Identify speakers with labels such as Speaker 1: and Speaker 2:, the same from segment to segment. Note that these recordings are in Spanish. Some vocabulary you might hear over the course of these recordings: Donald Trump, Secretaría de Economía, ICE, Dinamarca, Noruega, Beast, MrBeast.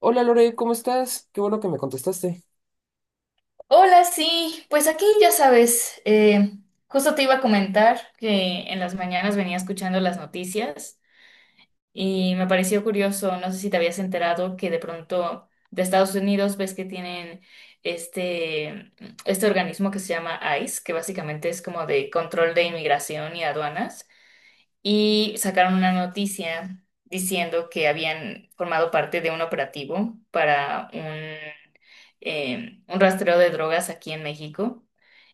Speaker 1: Hola Lore, ¿cómo estás? Qué bueno que me contestaste.
Speaker 2: Hola, sí, pues aquí ya sabes, justo te iba a comentar que en las mañanas venía escuchando las noticias y me pareció curioso, no sé si te habías enterado que de pronto de Estados Unidos ves que tienen este, este organismo que se llama ICE, que básicamente es como de control de inmigración y aduanas y sacaron una noticia diciendo que habían formado parte de un operativo para un rastreo de drogas aquí en México.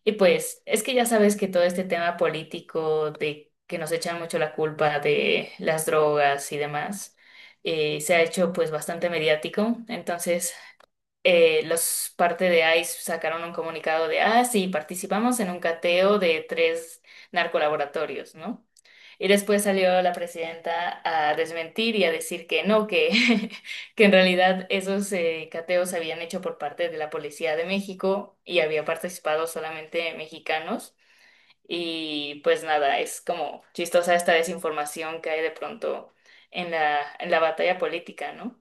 Speaker 2: Y pues es que ya sabes que todo este tema político de que nos echan mucho la culpa de las drogas y demás, se ha hecho pues bastante mediático. Entonces, los parte de ICE sacaron un comunicado de, ah, sí, participamos en un cateo de tres narcolaboratorios, ¿no? Y después salió la presidenta a desmentir y a decir que no, que, que en realidad esos cateos se habían hecho por parte de la Policía de México y había participado solamente mexicanos. Y pues nada, es como chistosa esta desinformación que hay de pronto en la batalla política, ¿no?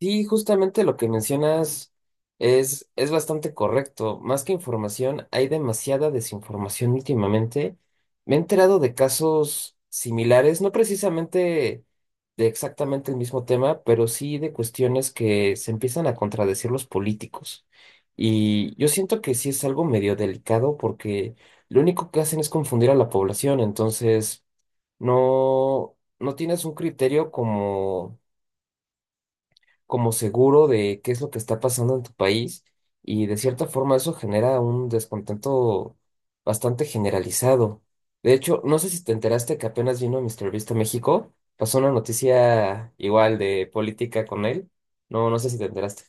Speaker 1: Sí, justamente lo que mencionas es bastante correcto. Más que información, hay demasiada desinformación últimamente. Me he enterado de casos similares, no precisamente de exactamente el mismo tema, pero sí de cuestiones que se empiezan a contradecir los políticos. Y yo siento que sí es algo medio delicado porque lo único que hacen es confundir a la población, entonces no, no tienes un criterio como seguro de qué es lo que está pasando en tu país y de cierta forma eso genera un descontento bastante generalizado. De hecho, no sé si te enteraste que apenas vino MrBeast a México, pasó una noticia igual de política con él. No, no sé si te enteraste.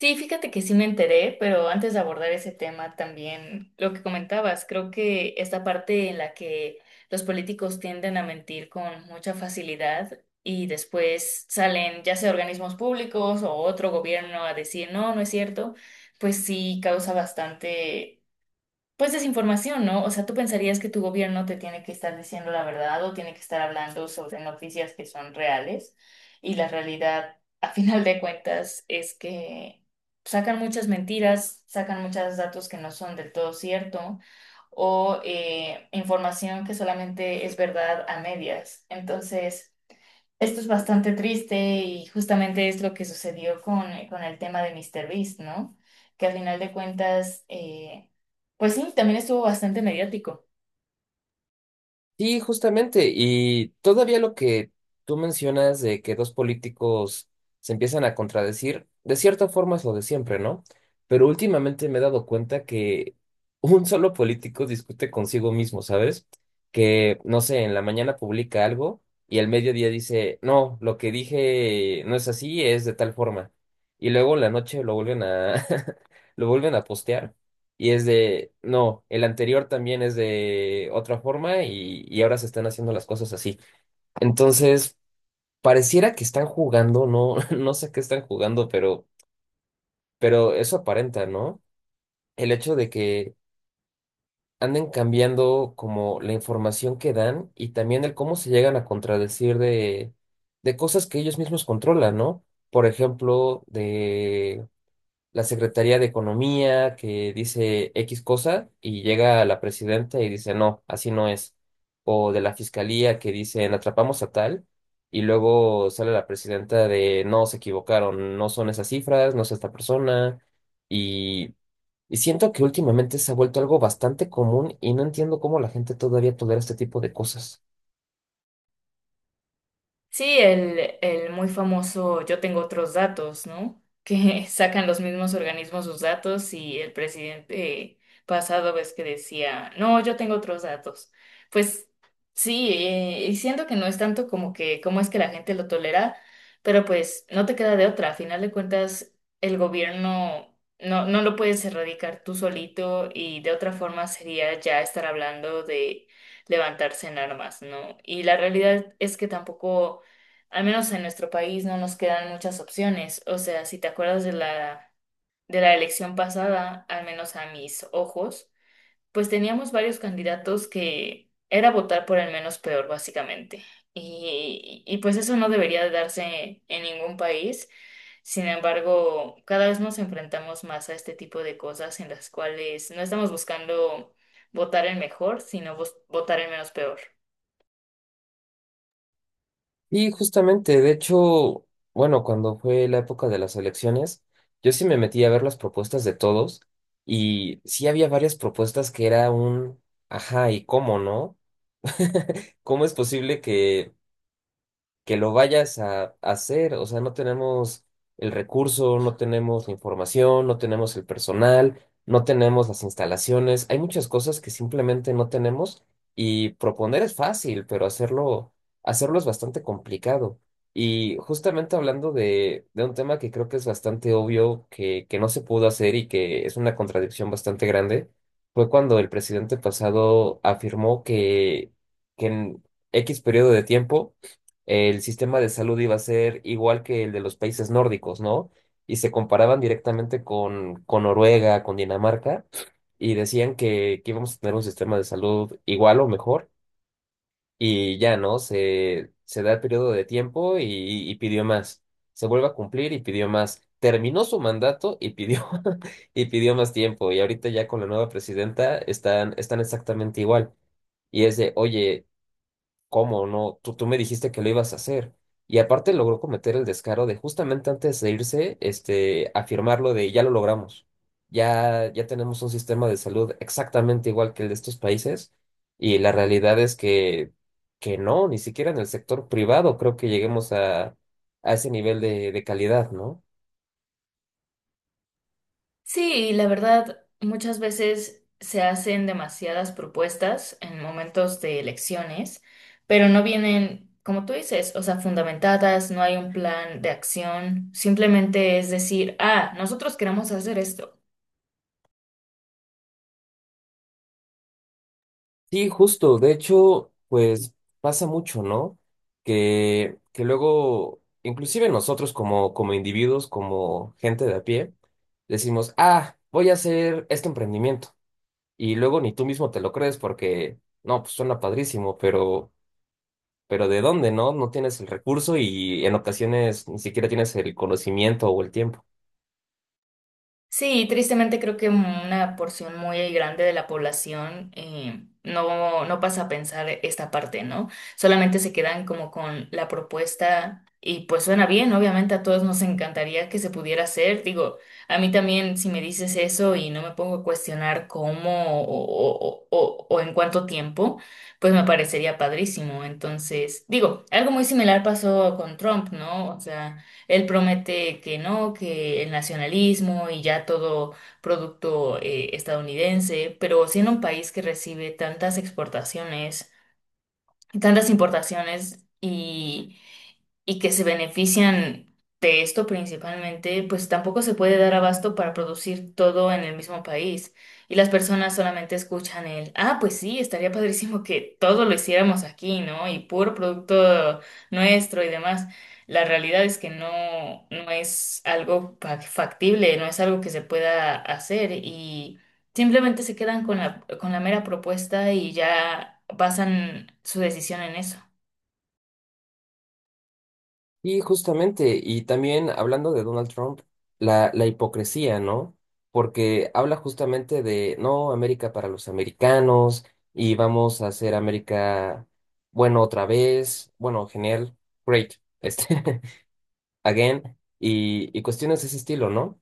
Speaker 2: Sí, fíjate que sí me enteré, pero antes de abordar ese tema también lo que comentabas, creo que esta parte en la que los políticos tienden a mentir con mucha facilidad y después salen ya sea organismos públicos o otro gobierno a decir no, no es cierto, pues sí causa bastante pues desinformación, ¿no? O sea, tú pensarías que tu gobierno te tiene que estar diciendo la verdad o tiene que estar hablando sobre noticias que son reales y la realidad, a final de cuentas, es que sacan muchas mentiras, sacan muchos datos que no son del todo cierto o información que solamente es verdad a medias. Entonces, esto es bastante triste y justamente es lo que sucedió con el tema de míster Beast, ¿no? Que al final de cuentas, pues sí, también estuvo bastante mediático.
Speaker 1: Sí, justamente. Y todavía lo que tú mencionas de que dos políticos se empiezan a contradecir, de cierta forma es lo de siempre, ¿no? Pero últimamente me he dado cuenta que un solo político discute consigo mismo, ¿sabes? Que, no sé, en la mañana publica algo y al mediodía dice, no, lo que dije no es así, es de tal forma. Y luego en la noche lo vuelven a, lo vuelven a postear. Y es de, no, el anterior también es de otra forma y ahora se están haciendo las cosas así. Entonces, pareciera que están jugando, no, no sé qué están jugando, pero eso aparenta, ¿no? El hecho de que anden cambiando como la información que dan y también el cómo se llegan a contradecir de cosas que ellos mismos controlan, ¿no? Por ejemplo, de la Secretaría de Economía que dice X cosa y llega la presidenta y dice no, así no es. O de la fiscalía que dicen atrapamos a tal y luego sale la presidenta de no, se equivocaron, no son esas cifras, no es esta persona. Y, y siento que últimamente se ha vuelto algo bastante común y no entiendo cómo la gente todavía tolera este tipo de cosas.
Speaker 2: Sí, el muy famoso yo tengo otros datos, ¿no? Que sacan los mismos organismos sus datos y el presidente pasado ves que decía, no, yo tengo otros datos. Pues sí, y siento que no es tanto como que cómo es que la gente lo tolera, pero pues no te queda de otra. A final de cuentas, el gobierno no, no lo puedes erradicar tú solito y de otra forma sería ya estar hablando de levantarse en armas, ¿no? Y la realidad es que tampoco al menos en nuestro país no nos quedan muchas opciones. O sea, si te acuerdas de la elección pasada, al menos a mis ojos, pues teníamos varios candidatos que era votar por el menos peor, básicamente. Y pues eso no debería de darse en ningún país. Sin embargo, cada vez nos enfrentamos más a este tipo de cosas en las cuales no estamos buscando votar el mejor, sino votar el menos peor.
Speaker 1: Y justamente, de hecho, bueno, cuando fue la época de las elecciones, yo sí me metí a ver las propuestas de todos y sí había varias propuestas que era un, ajá, ¿y cómo no? ¿Cómo es posible que lo vayas a hacer? O sea, no tenemos el recurso, no tenemos la información, no tenemos el personal, no tenemos las instalaciones. Hay muchas cosas que simplemente no tenemos y proponer es fácil, pero hacerlo, hacerlo es bastante complicado. Y justamente hablando de un tema que creo que es bastante obvio que no se pudo hacer y que es una contradicción bastante grande, fue cuando el presidente pasado afirmó que en X periodo de tiempo el sistema de salud iba a ser igual que el de los países nórdicos, ¿no? Y se comparaban directamente con Noruega, con Dinamarca, y decían que íbamos a tener un sistema de salud igual o mejor, y ya, ¿no? Se da el periodo de tiempo y pidió más. Se vuelve a cumplir y pidió más. Terminó su mandato y pidió, y pidió más tiempo. Y ahorita ya con la nueva presidenta están, están exactamente igual. Y es de, oye, ¿cómo no? Tú me dijiste que lo ibas a hacer. Y aparte logró cometer el descaro de justamente antes de irse, este, afirmarlo de ya lo logramos. Ya, ya tenemos un sistema de salud exactamente igual que el de estos países. Y la realidad es que no, ni siquiera en el sector privado creo que lleguemos a ese nivel de calidad, ¿no?
Speaker 2: Sí, la verdad, muchas veces se hacen demasiadas propuestas en momentos de elecciones, pero no vienen, como tú dices, o sea, fundamentadas, no hay un plan de acción, simplemente es decir, ah, nosotros queremos hacer esto.
Speaker 1: Sí, justo. De hecho, pues pasa mucho, ¿no? Que luego, inclusive nosotros como, como individuos, como gente de a pie, decimos, ah, voy a hacer este emprendimiento. Y luego ni tú mismo te lo crees porque, no, pues suena padrísimo, pero ¿de dónde, no? No tienes el recurso y en ocasiones ni siquiera tienes el conocimiento o el tiempo.
Speaker 2: Sí, tristemente creo que una porción muy grande de la población no, no pasa a pensar esta parte, ¿no? Solamente se quedan como con la propuesta y pues suena bien, obviamente a todos nos encantaría que se pudiera hacer. Digo, a mí también si me dices eso y no me pongo a cuestionar cómo o en cuánto tiempo, pues me parecería padrísimo. Entonces, digo, algo muy similar pasó con Trump, ¿no? O sea, él promete que no, que el nacionalismo y ya todo producto estadounidense, pero siendo un país que recibe tantas exportaciones, tantas importaciones y que se benefician de esto principalmente, pues tampoco se puede dar abasto para producir todo en el mismo país. Y las personas solamente escuchan el, ah, pues sí, estaría padrísimo que todo lo hiciéramos aquí, ¿no? Y puro producto nuestro y demás. La realidad es que no, no es algo factible, no es algo que se pueda hacer y simplemente se quedan con la mera propuesta y ya basan su decisión en eso.
Speaker 1: Y justamente, y también hablando de Donald Trump, la hipocresía, ¿no? Porque habla justamente de, no, América para los americanos y vamos a hacer América bueno otra vez, bueno, genial, great, este, again, y cuestiones de ese estilo, ¿no?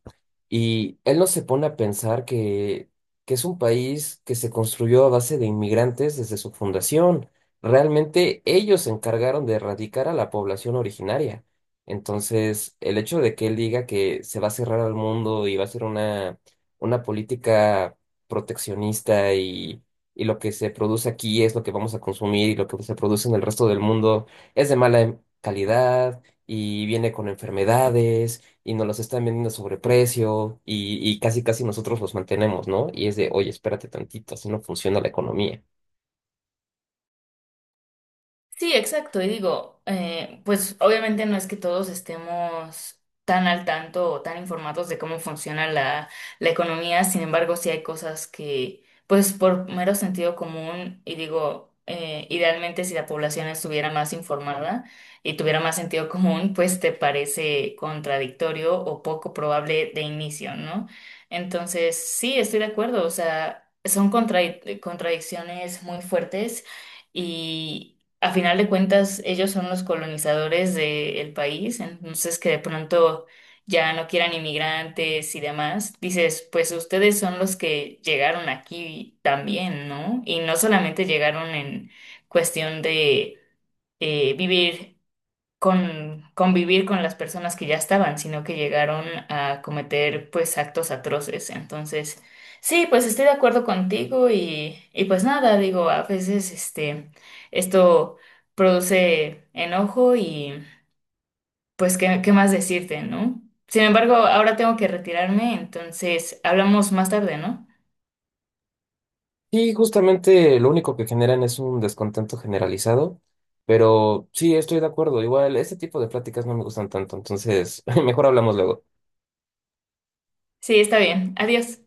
Speaker 1: Y él no se pone a pensar que es un país que se construyó a base de inmigrantes desde su fundación. Realmente ellos se encargaron de erradicar a la población originaria. Entonces, el hecho de que él diga que se va a cerrar al mundo y va a ser una política proteccionista y lo que se produce aquí es lo que vamos a consumir y lo que se produce en el resto del mundo es de mala calidad y viene con enfermedades y nos los están vendiendo a sobreprecio y casi casi nosotros los mantenemos, ¿no? Y es de, oye, espérate tantito, así no funciona la economía.
Speaker 2: Sí, exacto. Y digo, pues obviamente no es que todos estemos tan al tanto o tan informados de cómo funciona la economía, sin embargo, sí hay cosas que, pues por mero sentido común, y digo, idealmente si la población estuviera más informada y tuviera más sentido común, pues te parece contradictorio o poco probable de inicio, ¿no? Entonces, sí, estoy de acuerdo, o sea, son contradicciones muy fuertes. Y, a final de cuentas, ellos son los colonizadores del país, entonces que de pronto ya no quieran inmigrantes y demás, dices, pues ustedes son los que llegaron aquí también, ¿no? Y no solamente llegaron en cuestión de vivir con convivir con las personas que ya estaban, sino que llegaron a cometer pues actos atroces. Entonces, sí, pues estoy de acuerdo contigo y pues nada, digo, a veces este, esto produce enojo y pues qué, qué más decirte, ¿no? Sin embargo, ahora tengo que retirarme, entonces hablamos más tarde, ¿no?
Speaker 1: Y justamente lo único que generan es un descontento generalizado, pero sí, estoy de acuerdo, igual este tipo de pláticas no me gustan tanto, entonces mejor hablamos luego.
Speaker 2: Sí, está bien. Adiós.